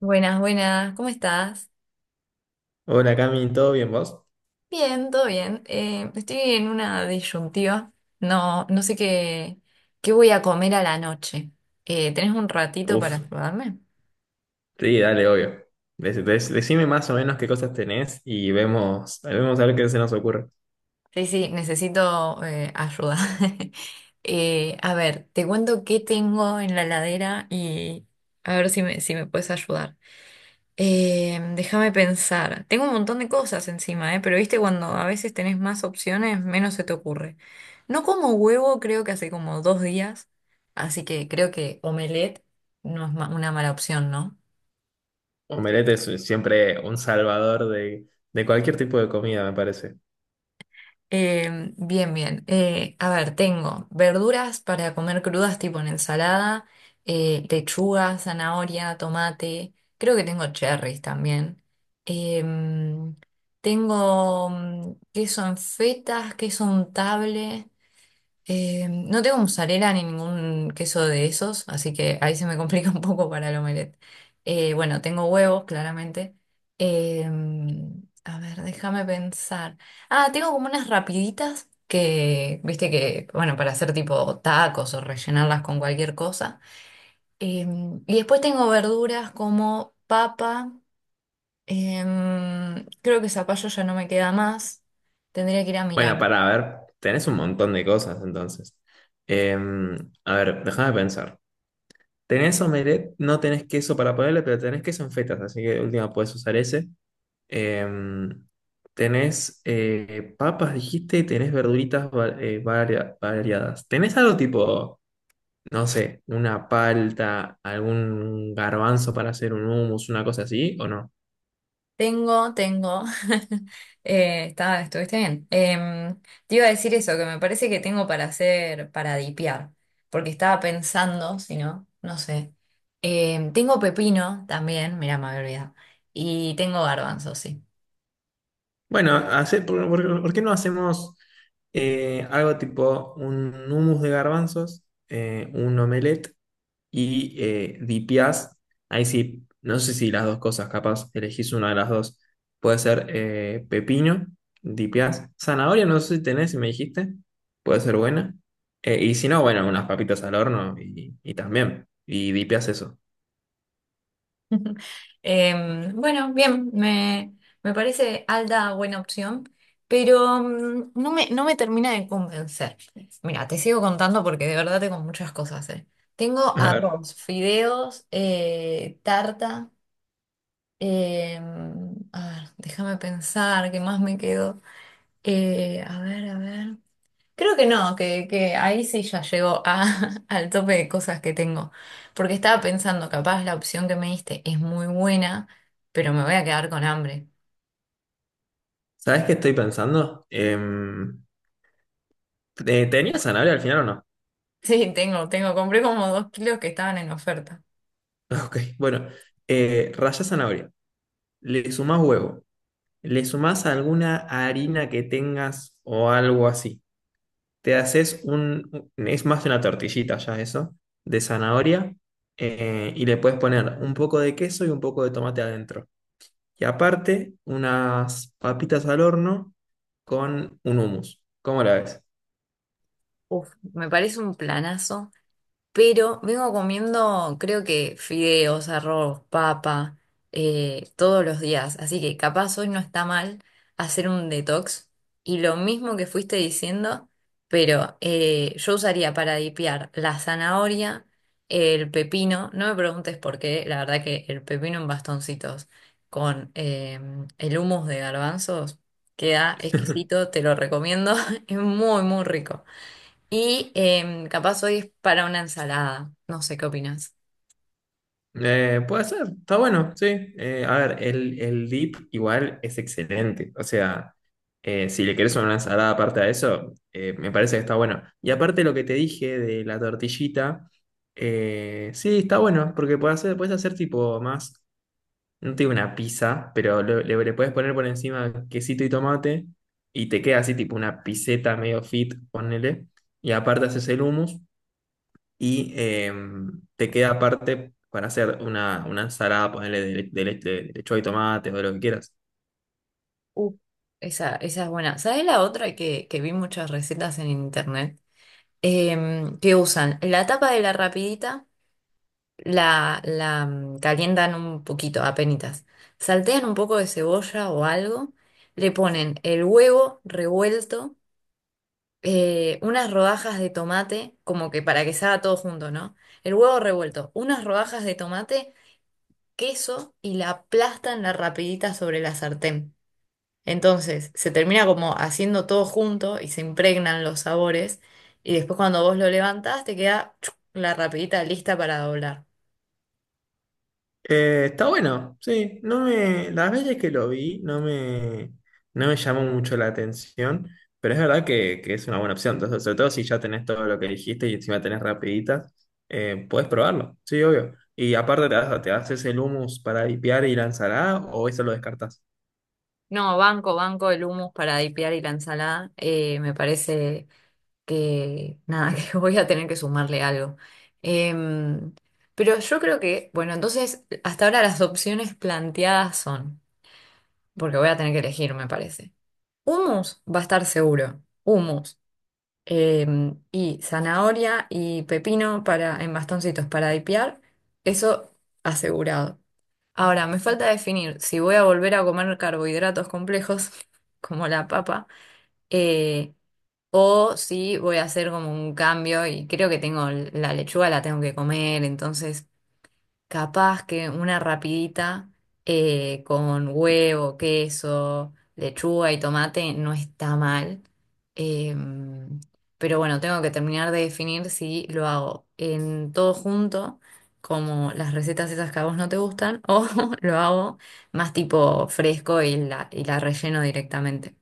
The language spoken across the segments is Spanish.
Buenas, buenas, ¿cómo estás? Hola Cami, ¿todo bien vos? Bien, todo bien. Estoy en una disyuntiva. No sé qué voy a comer a la noche. ¿Tenés un ratito para Uf, ayudarme? sí, dale, obvio. Decime más o menos qué cosas tenés y vemos, a ver qué se nos ocurre. Sí, sí, necesito ayuda. A ver, te cuento qué tengo en la heladera y a ver si me puedes ayudar. Déjame pensar. Tengo un montón de cosas encima, ¿eh? Pero viste, cuando a veces tenés más opciones, menos se te ocurre. No como huevo, creo que hace como dos días. Así que creo que omelette no es una mala opción, ¿no? Omelette es siempre un salvador de cualquier tipo de comida, me parece. Bien, bien. A ver, tengo verduras para comer crudas tipo en ensalada, lechuga, zanahoria, tomate, creo que tengo cherries también. Em, tengo queso en fetas, queso untable, no tengo mozzarella ni ningún queso de esos, así que ahí se me complica un poco para el omelette. Bueno, tengo huevos, claramente. Eh, a ver, déjame pensar. Ah, tengo como unas rapiditas viste que, bueno, para hacer tipo tacos o rellenarlas con cualquier cosa. Y después tengo verduras como papa. Creo que zapallo ya no me queda más. Tendría que ir a mirar. Bueno, para ver, tenés un montón de cosas entonces. A ver, déjame pensar. Tenés omelette, no tenés queso para ponerle, pero tenés queso en fetas, así que de última podés usar ese. Em, Tenés papas, dijiste, y tenés variadas. ¿Tenés algo tipo, no sé, una palta, algún garbanzo para hacer un hummus, una cosa así, o no? Tengo, tengo. Estuviste bien. Te iba a decir eso, que me parece que tengo para para dipear, porque estaba pensando, si no, no sé. Tengo pepino también, mira, me había olvidado. Y tengo garbanzo, sí. Bueno, ¿por qué no hacemos algo tipo un hummus de garbanzos, un omelette y DPS? Ahí sí, no sé si las dos cosas, capaz elegís una de las dos. Puede ser pepino, DPS. Zanahoria, no sé si tenés, si me dijiste. Puede ser buena. Y si no, bueno, unas papitas al horno y también. Y DPS eso. Bueno, me parece Alda buena opción, pero no no me termina de convencer. Mira, te sigo contando porque de verdad tengo muchas cosas, eh. Tengo A ver, arroz, fideos, tarta. A ver, déjame pensar, ¿qué más me quedó? A ver. Creo que no, que ahí sí ya llegó a, al tope de cosas que tengo. Porque estaba pensando, capaz la opción que me diste es muy buena, pero me voy a quedar con hambre. ¿sabés qué estoy pensando? ¿Tenías zanahoria al final o no? Sí, tengo, tengo. Compré como 2 kilos que estaban en oferta. Ok, bueno. Rallás zanahoria. Le sumás huevo. Le sumás alguna harina que tengas o algo así. Te haces un, es más una tortillita ya eso, de zanahoria, y le puedes poner un poco de queso y un poco de tomate adentro. Y aparte, unas papitas al horno con un hummus. ¿Cómo la ves? Uf, me parece un planazo. Pero vengo comiendo, creo que fideos, arroz, papa, todos los días. Así que capaz hoy no está mal hacer un detox. Y lo mismo que fuiste diciendo, pero yo usaría para dipear la zanahoria, el pepino. No me preguntes por qué, la verdad que el pepino en bastoncitos con el hummus de garbanzos queda exquisito, te lo recomiendo. Es muy, muy rico. Y capaz hoy es para una ensalada. No sé qué opinas. Puede ser, está bueno, sí. A ver, el dip igual es excelente. O sea, si le querés una ensalada aparte a eso, me parece que está bueno. Y aparte lo que te dije de la tortillita, sí, está bueno, porque puedes hacer tipo más, no te digo una pizza, pero le puedes poner por encima quesito y tomate y te queda así tipo una piseta medio fit, ponele. Y aparte haces el hummus y te queda aparte para hacer una ensalada, ponerle de lechuga y tomate o de lo que quieras. Uh, Esa, esa es buena. ¿Sabes la otra que vi muchas recetas en internet? Que usan la tapa de la rapidita, calientan un poquito, apenitas. Saltean un poco de cebolla o algo, le ponen el huevo revuelto, unas rodajas de tomate, como que para que salga todo junto, ¿no? El huevo revuelto, unas rodajas de tomate queso y la aplastan la rapidita sobre la sartén. Entonces se termina como haciendo todo junto y se impregnan los sabores y después cuando vos lo levantás te queda chuc, la rapidita lista para doblar. Está bueno, sí. No me, Las veces que lo vi no me, no me llamó mucho la atención, pero es verdad que es una buena opción. Entonces, sobre todo si ya tenés todo lo que dijiste y encima tenés rapiditas, podés probarlo, sí, obvio. Y aparte te haces el hummus para dipear y la ensalada o eso lo descartás. No, banco, banco el hummus para dipear y la ensalada. Me parece que nada, que voy a tener que sumarle algo. Em, pero yo creo que, bueno, entonces hasta ahora las opciones planteadas son, porque voy a tener que elegir, me parece. Humus va a estar seguro. Humus. Y zanahoria y pepino en bastoncitos para dipear. Eso asegurado. Ahora, me falta definir si voy a volver a comer carbohidratos complejos, como la papa, eh, o si voy a hacer como un cambio y creo que tengo la lechuga, la tengo que comer, entonces capaz que una rapidita con huevo, queso, lechuga y tomate no está mal. Em, pero bueno, tengo que terminar de definir si lo hago en todo junto, como las recetas esas que a vos no te gustan, o lo hago más tipo fresco y y la relleno directamente.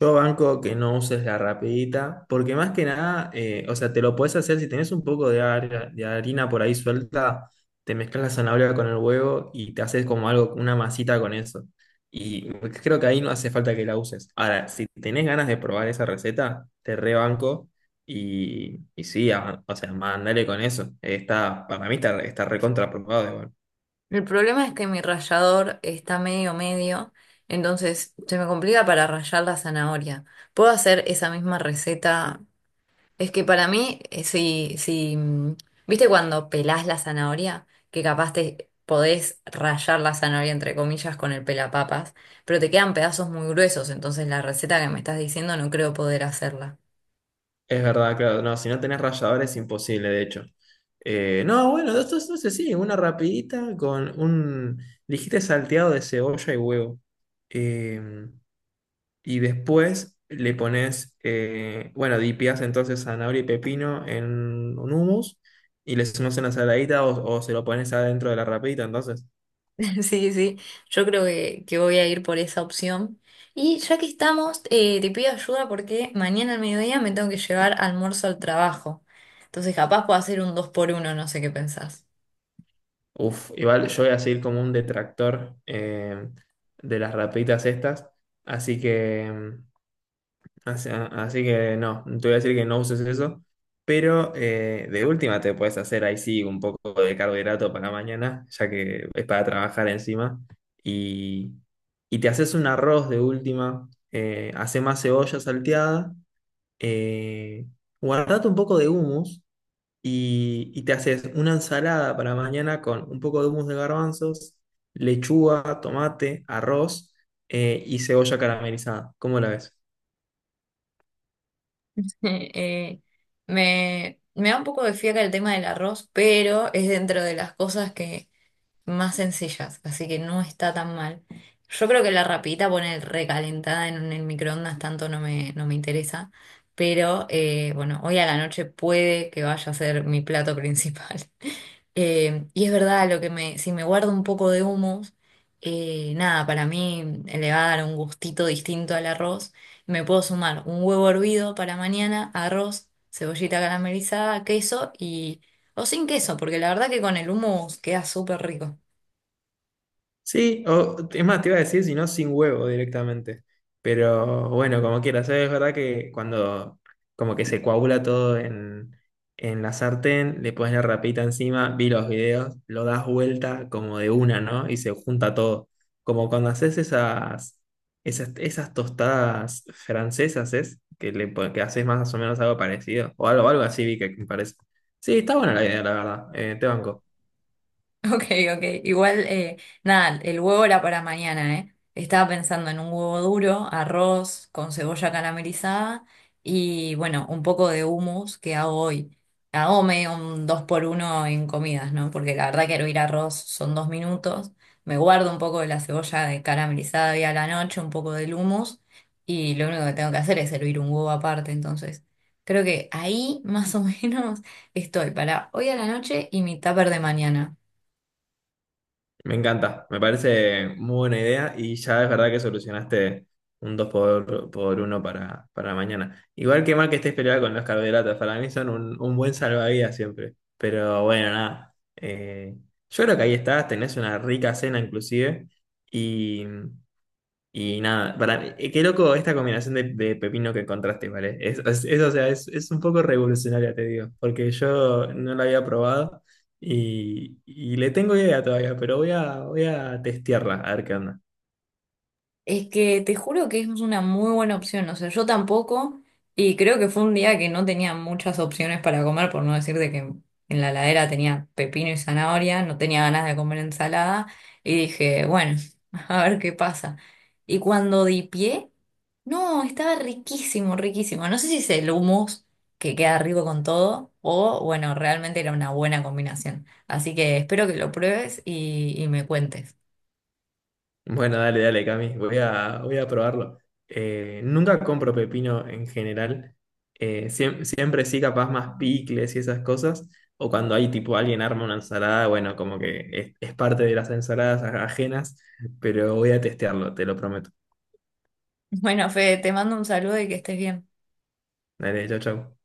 Yo banco que no uses la rapidita, porque más que nada, o sea, te lo puedes hacer si tenés un poco de harina por ahí suelta, te mezclas la zanahoria con el huevo y te haces como algo, una masita con eso. Y creo que ahí no hace falta que la uses. Ahora, si tenés ganas de probar esa receta, te rebanco y sí, o sea, mandale con eso. Está, para mí está, está recontra probado. El problema es que mi rallador está medio medio, entonces se me complica para rallar la zanahoria. ¿Puedo hacer esa misma receta? Es que para mí, si, ¿viste cuando pelás la zanahoria? Que capaz te podés rayar la zanahoria, entre comillas, con el pelapapas, pero te quedan pedazos muy gruesos, entonces la receta que me estás diciendo no creo poder hacerla. Es verdad, claro. No, si no tenés rallador es imposible, de hecho. No, bueno, esto es, sé, sí, una rapidita con un, dijiste salteado de cebolla y huevo. Eh, y después le pones, bueno, dipeás entonces zanahoria y pepino en un hummus y le sumás una saladita o se lo pones adentro de la rapidita, entonces. Sí, sí, yo creo que voy a ir por esa opción. Y ya que estamos, te pido ayuda porque mañana al mediodía me tengo que llevar almuerzo al trabajo. Entonces capaz puedo hacer un dos por uno, no sé qué pensás. Uf, igual yo voy a seguir como un detractor de las rapiditas estas, así que… así que no, te voy a decir que no uses eso, pero de última te puedes hacer ahí sí un poco de carbohidrato para mañana, ya que es para trabajar encima, y, y te haces un arroz de última, hace más cebolla salteada, eh, guardate un poco de hummus y te haces una ensalada para mañana con un poco de hummus de garbanzos, lechuga, tomate, arroz y cebolla caramelizada. ¿Cómo la ves? Eh, me da un poco de fiaca el tema del arroz, pero es dentro de las cosas que más sencillas, así que no está tan mal. Yo creo que la rapidita poner recalentada en el microondas tanto no no me interesa, pero bueno, hoy a la noche puede que vaya a ser mi plato principal. Y es verdad, lo que me, si me guardo un poco de humus, nada, para mí le va a dar un gustito distinto al arroz. Me puedo sumar un huevo hervido para mañana, arroz, cebollita caramelizada, queso y... O sin queso, porque la verdad que con el hummus queda súper rico. Sí, o es más, te iba a decir, si no, sin huevo directamente. Pero bueno, como quieras, ¿sabes? Es verdad que cuando como que se coagula todo en la sartén, le pones la rapita encima, vi los videos, lo das vuelta como de una, ¿no? Y se junta todo. Como cuando haces esas tostadas francesas, ¿es? Que haces más o menos algo parecido. O algo así vi que me parece. Sí, está buena la idea, la verdad. Te banco. Ok, ok. Igual, nada, el huevo era para mañana, ¿eh? Estaba pensando en un huevo duro, arroz con cebolla caramelizada y, bueno, un poco de hummus que hago hoy. Hago medio un dos por uno en comidas, ¿no? Porque la verdad que hervir arroz son 2 minutos. Me guardo un poco de la cebolla de caramelizada y a la noche, un poco del hummus y lo único que tengo que hacer es hervir un huevo aparte, entonces. Creo que ahí más o menos estoy para hoy a la noche y mi tupper de mañana. Me encanta, me parece muy buena idea y ya es verdad que solucionaste un 2 por uno para mañana. Igual que mal que estés peleada con los carbohidratos, para mí son un buen salvavidas siempre. Pero bueno, nada, yo creo que ahí estás, tenés una rica cena inclusive. Y, y nada, para mí, qué loco esta combinación de pepino que encontraste, ¿vale? Es, o sea, es un poco revolucionaria, te digo, porque yo no la había probado y le tengo idea todavía, pero voy voy a testearla, a ver qué onda. Es que te juro que es una muy buena opción, o sea, yo tampoco, y creo que fue un día que no tenía muchas opciones para comer, por no decirte que en la heladera tenía pepino y zanahoria, no tenía ganas de comer ensalada, y dije, bueno, a ver qué pasa. Y cuando di pie, no, estaba riquísimo, riquísimo. No sé si es el hummus que queda rico con todo, o bueno, realmente era una buena combinación. Así que espero que lo pruebes y me cuentes. Bueno, dale, dale, Cami, voy voy a probarlo. Nunca compro pepino en general. Siempre sí, capaz más picles y esas cosas. O cuando hay tipo alguien arma una ensalada, bueno, como que es parte de las ensaladas ajenas, pero voy a testearlo, te lo prometo. Bueno, Fede, te mando un saludo y que estés bien. Dale, chau, chau.